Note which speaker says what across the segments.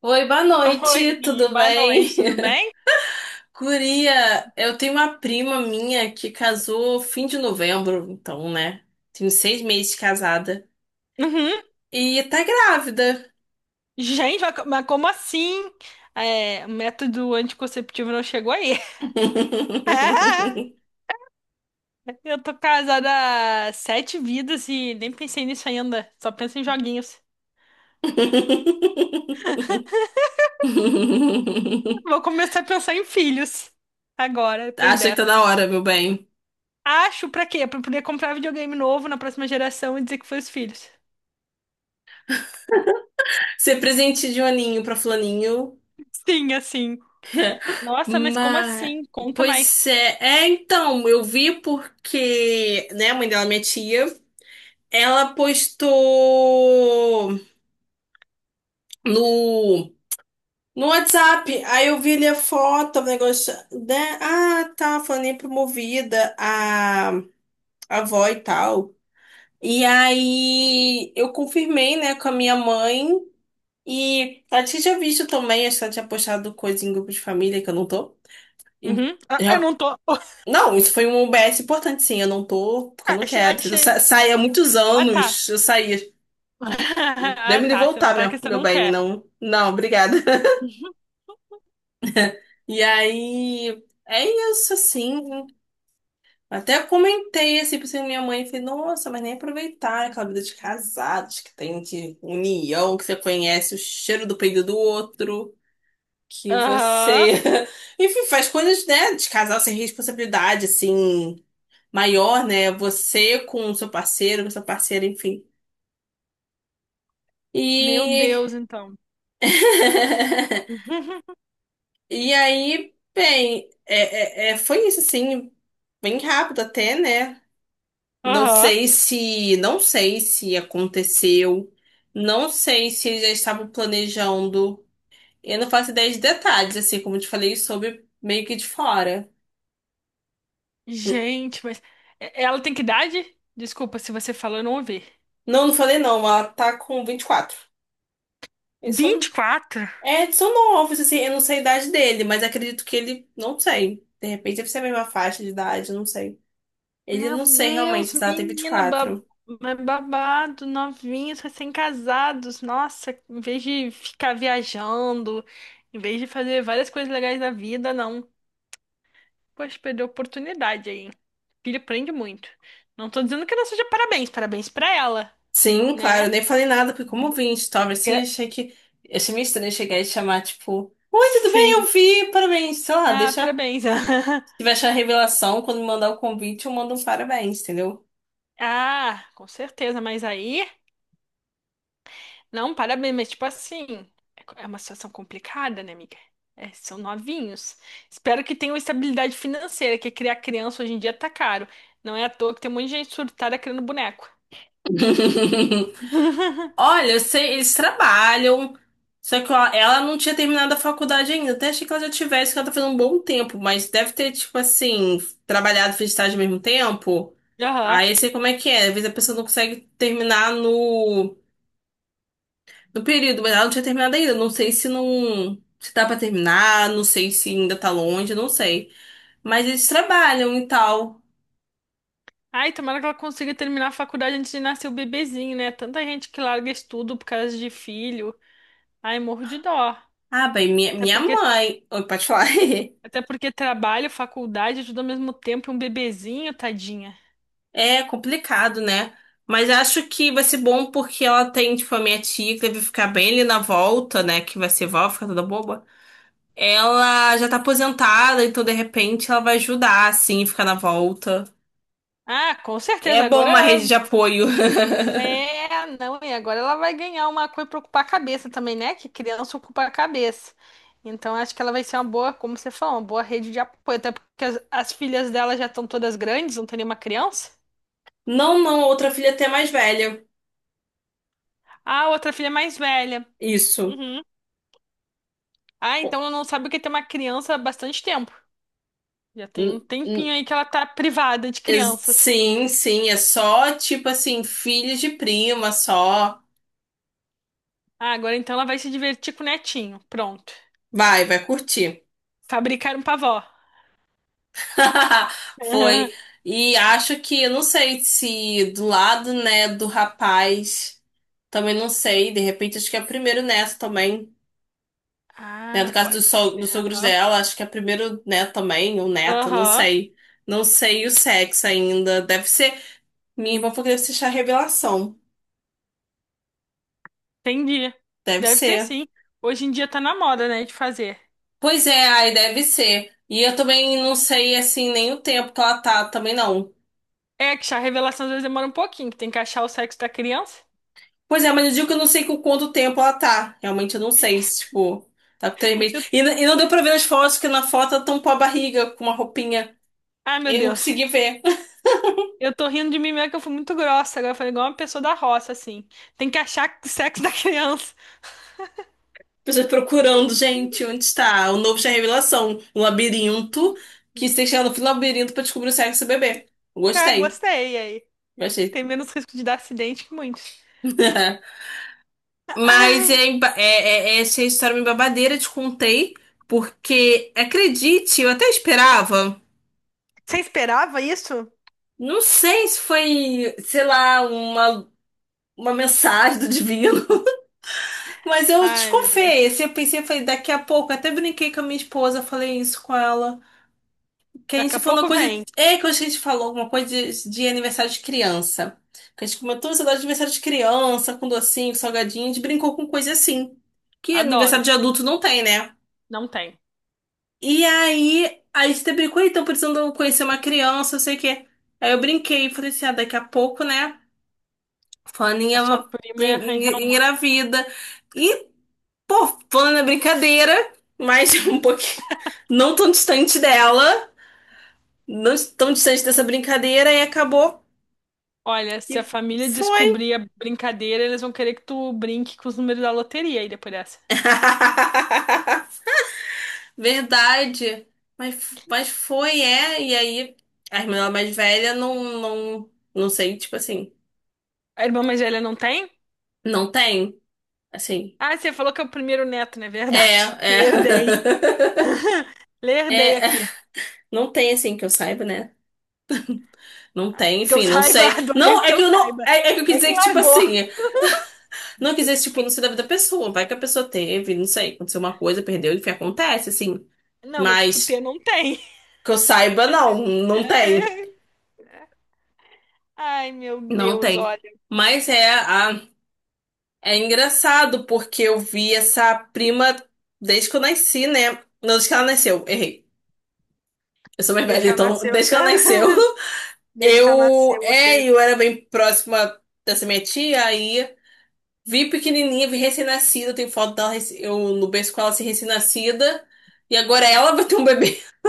Speaker 1: Oi, boa noite,
Speaker 2: Oi,
Speaker 1: tudo
Speaker 2: boa
Speaker 1: bem?
Speaker 2: noite, tudo bem?
Speaker 1: Guria, eu tenho uma prima minha que casou fim de novembro, então, né? Tenho seis meses de casada.
Speaker 2: Uhum.
Speaker 1: E tá grávida.
Speaker 2: Gente, mas como assim? É, o método anticonceptivo não chegou aí. Ah, eu tô casada há sete vidas e nem pensei nisso ainda. Só penso em joguinhos. Vou começar a pensar em filhos agora, depois
Speaker 1: Acha que tá
Speaker 2: dessa.
Speaker 1: na hora, meu bem.
Speaker 2: Acho pra quê? Pra poder comprar videogame novo na próxima geração e dizer que foi os filhos.
Speaker 1: Ser presente de Juninho pra Flaninho.
Speaker 2: Sim, assim. Nossa, mas como
Speaker 1: Mas.
Speaker 2: assim? Conta
Speaker 1: Pois
Speaker 2: mais.
Speaker 1: é. Eu vi porque, né, a mãe dela, minha tia, ela postou. no, no WhatsApp. Aí eu vi ali a foto, o negócio, né? Ah, tá, falando promovida, a avó e tal. E aí eu confirmei, né, com a minha mãe. E ela tinha visto também, acho que ela tinha postado coisa em grupo de família que eu não tô. E
Speaker 2: Uhum. Ah, eu
Speaker 1: já-
Speaker 2: não tô.
Speaker 1: não, isso foi um OBS importante, sim. Eu não tô, porque eu não
Speaker 2: Achei,
Speaker 1: quero. Eu sa
Speaker 2: achei.
Speaker 1: saí há muitos
Speaker 2: Ah, tá.
Speaker 1: anos, eu saí. E
Speaker 2: Ah,
Speaker 1: deve me
Speaker 2: tá. Você não
Speaker 1: voltar,
Speaker 2: tá que você
Speaker 1: meu
Speaker 2: não
Speaker 1: bem,
Speaker 2: quer.
Speaker 1: não. Não, obrigada.
Speaker 2: Uhum.
Speaker 1: E aí, é isso, assim. Até comentei, assim, pra minha mãe, falei, nossa, mas nem aproveitar aquela vida de casados que tem de união, que você conhece o cheiro do peido do outro, que
Speaker 2: Aham.
Speaker 1: você, enfim, faz coisas, né, de casal sem responsabilidade, assim, maior, né, você com o seu parceiro, com a sua parceira, enfim.
Speaker 2: Meu
Speaker 1: E...
Speaker 2: Deus, então. Uhum.
Speaker 1: E aí, bem, foi isso, assim, bem rápido até, né?
Speaker 2: Aham.
Speaker 1: Não sei se aconteceu, não sei se eles já estavam planejando. Eu não faço ideia de detalhes, assim, como eu te falei, sobre meio que de fora.
Speaker 2: Gente, mas ela tem que idade? Desculpa se você falou, eu não ouvi.
Speaker 1: Não, não falei não, ela tá com 24. Eles
Speaker 2: vinte e
Speaker 1: são,
Speaker 2: quatro.
Speaker 1: são novos, assim, eu não sei a idade dele, mas acredito que ele, não sei. De repente deve ser a mesma faixa de idade, não sei. Ele
Speaker 2: Meu
Speaker 1: não sei
Speaker 2: Deus,
Speaker 1: realmente se ela tem vinte e
Speaker 2: menina,
Speaker 1: quatro.
Speaker 2: mas babado, novinhos, recém-casados. Nossa, em vez de ficar viajando, em vez de fazer várias coisas legais da vida, não. Poxa, perdeu a oportunidade aí, hein? Filho aprende muito. Não tô dizendo que não seja parabéns, parabéns pra ela,
Speaker 1: Sim, claro,
Speaker 2: né?
Speaker 1: eu nem falei nada, porque como eu vi em story assim,
Speaker 2: Gra-
Speaker 1: achei que. Achei meio estranho chegar e chamar, tipo, oi, tudo bem? Eu
Speaker 2: Sim.
Speaker 1: vi, parabéns. Sei lá,
Speaker 2: Ah,
Speaker 1: deixa.
Speaker 2: parabéns.
Speaker 1: Se tiver achar a revelação, quando me mandar o convite, eu mando um parabéns, entendeu?
Speaker 2: Ah, com certeza, mas aí, não, parabéns, mas tipo assim, é uma situação complicada, né, amiga? É, são novinhos. Espero que tenham estabilidade financeira, que criar criança hoje em dia tá caro. Não é à toa que tem um monte de gente surtada criando boneco.
Speaker 1: Olha, eu sei, eles trabalham. Só que ó, ela não tinha terminado a faculdade ainda. Até achei que ela já tivesse, que ela tá fazendo um bom tempo, mas deve ter, tipo assim, trabalhado e fez estágio ao mesmo tempo.
Speaker 2: Aham.
Speaker 1: Aí eu sei como é que é. Às vezes a pessoa não consegue terminar no do período, mas ela não tinha terminado ainda. Não sei se tá pra terminar, não sei se ainda tá longe, não sei. Mas eles trabalham e tal.
Speaker 2: Ai, tomara que ela consiga terminar a faculdade antes de nascer o bebezinho, né? Tanta gente que larga estudo por causa de filho. Ai, morro de dó.
Speaker 1: Ah, bem,
Speaker 2: Até
Speaker 1: minha
Speaker 2: porque,
Speaker 1: mãe. Oi, pode falar.
Speaker 2: até porque trabalho, faculdade, tudo ao mesmo tempo, e um bebezinho, tadinha.
Speaker 1: É complicado, né? Mas acho que vai ser bom porque ela tem, tipo, a minha tia que deve ficar bem ali na volta, né? Que vai ser vó, fica toda boba. Ela já tá aposentada, então de repente ela vai ajudar, assim, ficar na volta.
Speaker 2: Ah, com
Speaker 1: É
Speaker 2: certeza.
Speaker 1: bom uma
Speaker 2: Agora
Speaker 1: rede de apoio.
Speaker 2: é, não, e agora ela vai ganhar uma coisa pra ocupar a cabeça também, né? Que criança ocupa a cabeça. Então acho que ela vai ser uma boa, como você falou, uma boa rede de apoio. Até porque as filhas dela já estão todas grandes, não tem nenhuma criança.
Speaker 1: Não, não, outra filha até mais velha.
Speaker 2: Ah, outra filha é mais velha.
Speaker 1: Isso.
Speaker 2: Uhum. Ah, então ela não sabe o que é ter uma criança há bastante tempo. Já tem um
Speaker 1: N-
Speaker 2: tempinho
Speaker 1: n-
Speaker 2: aí que ela tá privada de crianças.
Speaker 1: Sim, sim, é só tipo assim, filhos de prima, só.
Speaker 2: Ah, agora então ela vai se divertir com o netinho. Pronto.
Speaker 1: Vai, vai curtir.
Speaker 2: Fabricar um pavó.
Speaker 1: Foi. E acho que, eu não sei se do lado, né, do rapaz, também não sei, de repente acho que é o primeiro neto também, né, do
Speaker 2: Ah,
Speaker 1: caso dos,
Speaker 2: pode
Speaker 1: so dos
Speaker 2: ser.
Speaker 1: sogros
Speaker 2: Aham.
Speaker 1: dela, acho que é o primeiro neto também, ou neta, não
Speaker 2: Aham.
Speaker 1: sei. Não sei o sexo ainda, deve ser, minha irmã falou que deve ser a revelação,
Speaker 2: Entendi.
Speaker 1: deve
Speaker 2: Deve ser
Speaker 1: ser.
Speaker 2: sim. Hoje em dia tá na moda, né, de fazer.
Speaker 1: Pois é, aí deve ser. E eu também não sei, assim, nem o tempo que ela tá, também não.
Speaker 2: É que a revelação às vezes demora um pouquinho, que tem que achar o sexo da criança.
Speaker 1: Pois é, mas eu digo que eu não sei com quanto tempo ela tá. Realmente eu não sei, se, tipo, tá com três
Speaker 2: Eu...
Speaker 1: meses. E, e não deu pra ver as fotos, que na foto ela tampou a barriga com uma roupinha.
Speaker 2: ah, meu
Speaker 1: Eu não
Speaker 2: Deus.
Speaker 1: consegui ver.
Speaker 2: Eu tô rindo de mim mesmo que eu fui muito grossa. Agora eu falei igual uma pessoa da roça, assim. Tem que achar o sexo da criança.
Speaker 1: Pessoas procurando, gente, onde está? O novo Chá Revelação, um labirinto, que você tem que chegar no fim do labirinto pra descobrir o sexo do bebê.
Speaker 2: Ah,
Speaker 1: Gostei,
Speaker 2: gostei aí.
Speaker 1: gostei.
Speaker 2: Tem menos risco de dar acidente que muitos.
Speaker 1: Mas
Speaker 2: Ai,
Speaker 1: é, essa história é uma babadeira, te contei, porque, acredite, eu até esperava.
Speaker 2: você esperava isso?
Speaker 1: Não sei se foi, sei lá, uma mensagem do divino, mas eu
Speaker 2: Ai, meu Deus.
Speaker 1: desconfiei. Assim, eu pensei, falei, daqui a pouco, até brinquei com a minha esposa, falei isso com ela. Que a
Speaker 2: Daqui
Speaker 1: gente
Speaker 2: a
Speaker 1: falou uma
Speaker 2: pouco
Speaker 1: coisa,
Speaker 2: vem.
Speaker 1: é que a gente falou alguma coisa de aniversário de criança. Que a gente comentou esse negócio de aniversário de criança, com docinho, com salgadinho, a gente brincou com coisa assim. Que aniversário
Speaker 2: Adoro.
Speaker 1: de adulto não tem, né?
Speaker 2: Não tem.
Speaker 1: E aí a gente até brincou, então precisando conhecer uma criança, não sei o quê. Aí eu brinquei, falei assim, ah, daqui a pouco, né?
Speaker 2: A sua
Speaker 1: Fulaninha
Speaker 2: prima ia arranjar uma.
Speaker 1: engravida. E, pô, falando na brincadeira, mas um pouquinho não tão distante dela, não tão distante dessa brincadeira, e acabou.
Speaker 2: Olha,
Speaker 1: E
Speaker 2: se a família
Speaker 1: foi.
Speaker 2: descobrir a brincadeira, eles vão querer que tu brinque com os números da loteria aí depois dessa.
Speaker 1: Verdade. Mas foi, é. E aí, a irmã dela mais velha não sei, tipo assim,
Speaker 2: A irmã mais velha não tem?
Speaker 1: não tem. Assim.
Speaker 2: Ah, você falou que é o primeiro neto, não é
Speaker 1: É,
Speaker 2: verdade?
Speaker 1: é.
Speaker 2: Lerdei. Lerdei
Speaker 1: É, é.
Speaker 2: aqui.
Speaker 1: Não tem assim que eu saiba, né? Não
Speaker 2: Ah,
Speaker 1: tem,
Speaker 2: que eu
Speaker 1: enfim, não
Speaker 2: saiba,
Speaker 1: sei.
Speaker 2: adorei o
Speaker 1: Não, é
Speaker 2: que
Speaker 1: que
Speaker 2: eu
Speaker 1: eu não.
Speaker 2: saiba.
Speaker 1: É que eu quis
Speaker 2: Não é
Speaker 1: dizer
Speaker 2: que
Speaker 1: que, tipo
Speaker 2: largou.
Speaker 1: assim, não quis dizer, tipo, não sei da vida da pessoa. Vai que a pessoa teve, não sei, aconteceu uma coisa, perdeu, enfim, acontece, assim.
Speaker 2: Não, mas tipo, ter
Speaker 1: Mas
Speaker 2: não tem.
Speaker 1: que eu saiba, não tem.
Speaker 2: Ai, meu
Speaker 1: Não
Speaker 2: Deus,
Speaker 1: tem.
Speaker 2: olha.
Speaker 1: Mas é, a, é engraçado, porque eu vi essa prima desde que eu nasci, né? Não, desde que ela nasceu, errei. Eu sou mais
Speaker 2: Desde
Speaker 1: velha,
Speaker 2: que ela
Speaker 1: então,
Speaker 2: nasceu.
Speaker 1: desde que ela nasceu.
Speaker 2: Desde que ela nasceu, você.
Speaker 1: Eu era bem próxima dessa minha tia, aí vi pequenininha, vi recém-nascida, tem foto dela, eu no berço com ela assim, recém-nascida, e agora ela vai ter um bebê.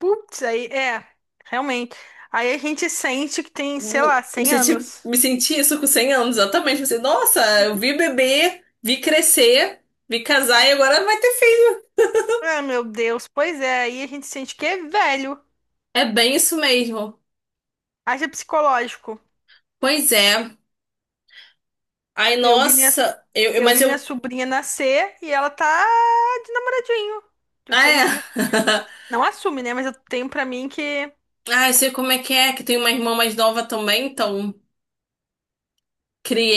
Speaker 2: Putz, aí é, realmente. Aí a gente sente que tem, sei lá, 100 anos.
Speaker 1: Me senti isso com 100 anos, exatamente. Pensei, nossa, eu vi bebê, vi crescer, vi casar e agora vai ter filho.
Speaker 2: Ah, meu Deus, pois é, aí a gente sente que é velho.
Speaker 1: É bem isso mesmo.
Speaker 2: Haja psicológico.
Speaker 1: Pois é. Ai,
Speaker 2: Eu vi minha,
Speaker 1: nossa,
Speaker 2: eu
Speaker 1: mas
Speaker 2: vi minha
Speaker 1: eu.
Speaker 2: sobrinha nascer e ela tá de namoradinho, de
Speaker 1: Ah, é.
Speaker 2: coisinha com o menino. Não assume, né? Mas eu tenho pra mim que...
Speaker 1: Ah, eu sei como é, que tem uma irmã mais nova também, então.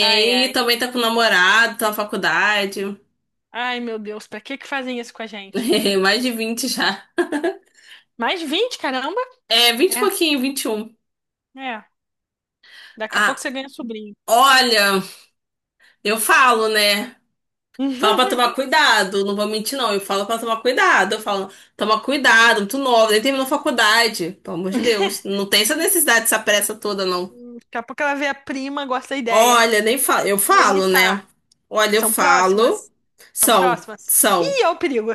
Speaker 2: ai, ai.
Speaker 1: também tá com namorado, tá na faculdade.
Speaker 2: Ai, meu Deus, pra que que fazem isso com a gente?
Speaker 1: Mais de 20 já.
Speaker 2: Mais 20 caramba?
Speaker 1: É, vinte e
Speaker 2: É,
Speaker 1: pouquinho, vinte e um.
Speaker 2: é. Daqui a pouco
Speaker 1: Ah,
Speaker 2: você ganha sobrinho.
Speaker 1: olha, eu falo, né? Falo pra tomar cuidado, não vou mentir, não. Eu falo pra tomar cuidado. Eu falo, toma cuidado, muito nova, nem terminou faculdade. Pelo amor de Deus. Não tem essa necessidade, essa pressa toda, não.
Speaker 2: Daqui a pouco ela vê a prima, gosta da ideia.
Speaker 1: Olha, nem falo. Eu
Speaker 2: Vou
Speaker 1: falo, né?
Speaker 2: imitar.
Speaker 1: Olha, eu
Speaker 2: São
Speaker 1: falo.
Speaker 2: próximas? São
Speaker 1: São,
Speaker 2: próximas?
Speaker 1: são.
Speaker 2: Ih, olha o perigo.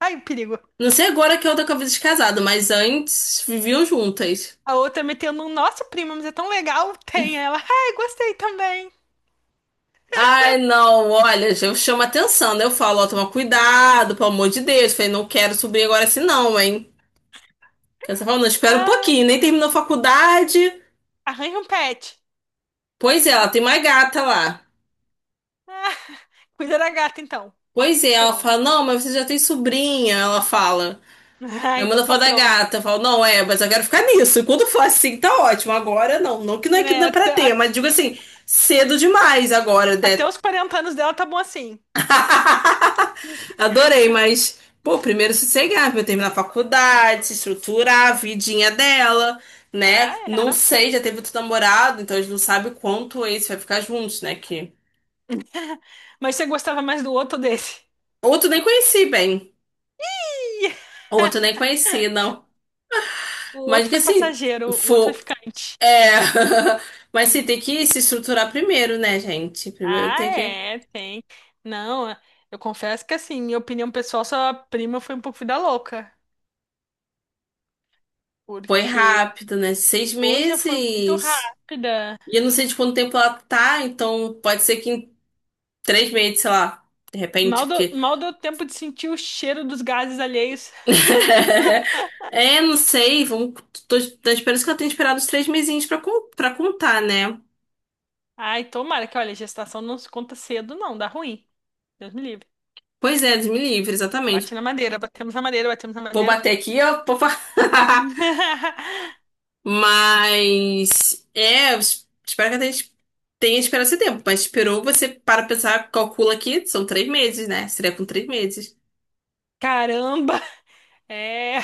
Speaker 2: Ai, o perigo.
Speaker 1: Não sei agora que eu tô com a vida de casado, mas antes viviam juntas.
Speaker 2: A outra metendo um, nossa, prima, mas é tão legal. Tem ela. Ai, gostei também.
Speaker 1: Ai, não, olha, eu chamo atenção, né? Eu falo, ó, toma cuidado, pelo amor de Deus. Falei, não quero subir agora assim, não, hein? Aí você falou, não, espera um
Speaker 2: Ah,
Speaker 1: pouquinho, nem terminou a faculdade.
Speaker 2: arranja um pet.
Speaker 1: Pois é, ela tem uma gata lá.
Speaker 2: Ah, cuida da gata, então.
Speaker 1: Pois é, ela
Speaker 2: Pronto.
Speaker 1: fala, não, mas você já tem sobrinha, ela fala.
Speaker 2: Ah,
Speaker 1: Aí
Speaker 2: então
Speaker 1: manda
Speaker 2: tá
Speaker 1: foto da
Speaker 2: pronto.
Speaker 1: gata, eu falo, não, é, mas eu quero ficar nisso. E quando for assim, tá ótimo. Agora não, não que
Speaker 2: Né,
Speaker 1: não é pra ter, mas digo assim, cedo demais agora, né?
Speaker 2: até os 40 anos dela tá bom assim.
Speaker 1: Adorei, mas, pô, primeiro sossegar, pra eu terminar a faculdade, se estruturar a vidinha dela,
Speaker 2: Ah,
Speaker 1: né? Não
Speaker 2: é.
Speaker 1: sei, já teve outro namorado, então a gente não sabe quanto esse vai ficar juntos, né? Que
Speaker 2: Mas você gostava mais do outro ou desse?
Speaker 1: outro nem conheci bem,
Speaker 2: Ih,
Speaker 1: outro nem conheci, não.
Speaker 2: o
Speaker 1: Mas
Speaker 2: outro
Speaker 1: que
Speaker 2: foi
Speaker 1: assim,
Speaker 2: passageiro, o outro foi
Speaker 1: for.
Speaker 2: ficante.
Speaker 1: É. Mas sim,
Speaker 2: Hum.
Speaker 1: tem que se estruturar primeiro, né, gente? Primeiro
Speaker 2: Ah,
Speaker 1: tem que.
Speaker 2: é, tem. Não, é, eu confesso que assim, minha opinião pessoal, sua prima foi um pouco vida louca.
Speaker 1: Foi
Speaker 2: Porque,
Speaker 1: rápido, né? Seis
Speaker 2: poxa, foi muito
Speaker 1: meses.
Speaker 2: rápida.
Speaker 1: E eu não sei de quanto tempo ela tá, então pode ser que em 3 meses, sei lá, de repente,
Speaker 2: Mal deu,
Speaker 1: porque.
Speaker 2: mal deu tempo de sentir o cheiro dos gases alheios.
Speaker 1: É, não sei, vamos. Tô, tô esperando que ela tenha esperado os 3 mesinhos pra, pra contar, né?
Speaker 2: Ai, tomara que, olha, gestação não se conta cedo, não, dá ruim. Deus me livre.
Speaker 1: Pois é, Deus me livre,
Speaker 2: Bate
Speaker 1: exatamente.
Speaker 2: na madeira, batemos na madeira, batemos na
Speaker 1: Vou
Speaker 2: madeira.
Speaker 1: bater aqui, ó. Vou... Mas. É, eu espero que ela tenha, tenha esperado esse tempo. Mas esperou, você para pensar, calcula aqui, são 3 meses, né? Seria com 3 meses.
Speaker 2: Caramba! É,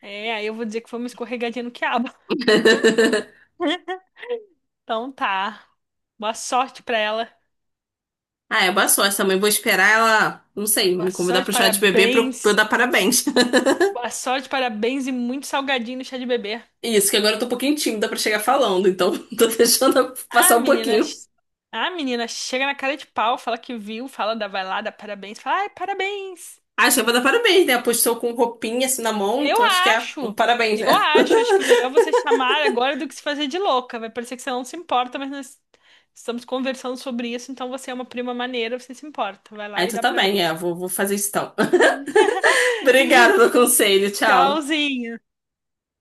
Speaker 2: é, aí eu vou dizer que foi uma escorregadinha no quiabo. Então tá. Boa sorte pra ela.
Speaker 1: Ah, é boa sorte também. Vou esperar ela, não sei,
Speaker 2: Boa
Speaker 1: me convidar
Speaker 2: sorte,
Speaker 1: pro chá de bebê pra eu
Speaker 2: parabéns.
Speaker 1: dar parabéns.
Speaker 2: Boa sorte, parabéns e muito salgadinho no chá de bebê.
Speaker 1: Isso, que agora eu tô um pouquinho tímida pra chegar falando, então tô deixando
Speaker 2: Ah,
Speaker 1: passar um
Speaker 2: menina.
Speaker 1: pouquinho.
Speaker 2: Ah, menina, chega na cara de pau, fala que viu, fala da vai lá, dá parabéns, fala, ai, parabéns.
Speaker 1: Ah, acho que eu vou dar parabéns, né? Postou com roupinha assim na mão,
Speaker 2: Eu
Speaker 1: então acho que é um
Speaker 2: acho,
Speaker 1: parabéns,
Speaker 2: eu
Speaker 1: né?
Speaker 2: acho, acho que o melhor é você chamar agora do que se fazer de louca. Vai parecer que você não se importa, mas nós estamos conversando sobre isso, então você é uma prima maneira, você se importa. Vai
Speaker 1: Ah,
Speaker 2: lá e
Speaker 1: então
Speaker 2: dá
Speaker 1: tá bem,
Speaker 2: parabéns.
Speaker 1: vou, vou fazer isso então. Obrigada pelo conselho, tchau.
Speaker 2: Tchauzinho.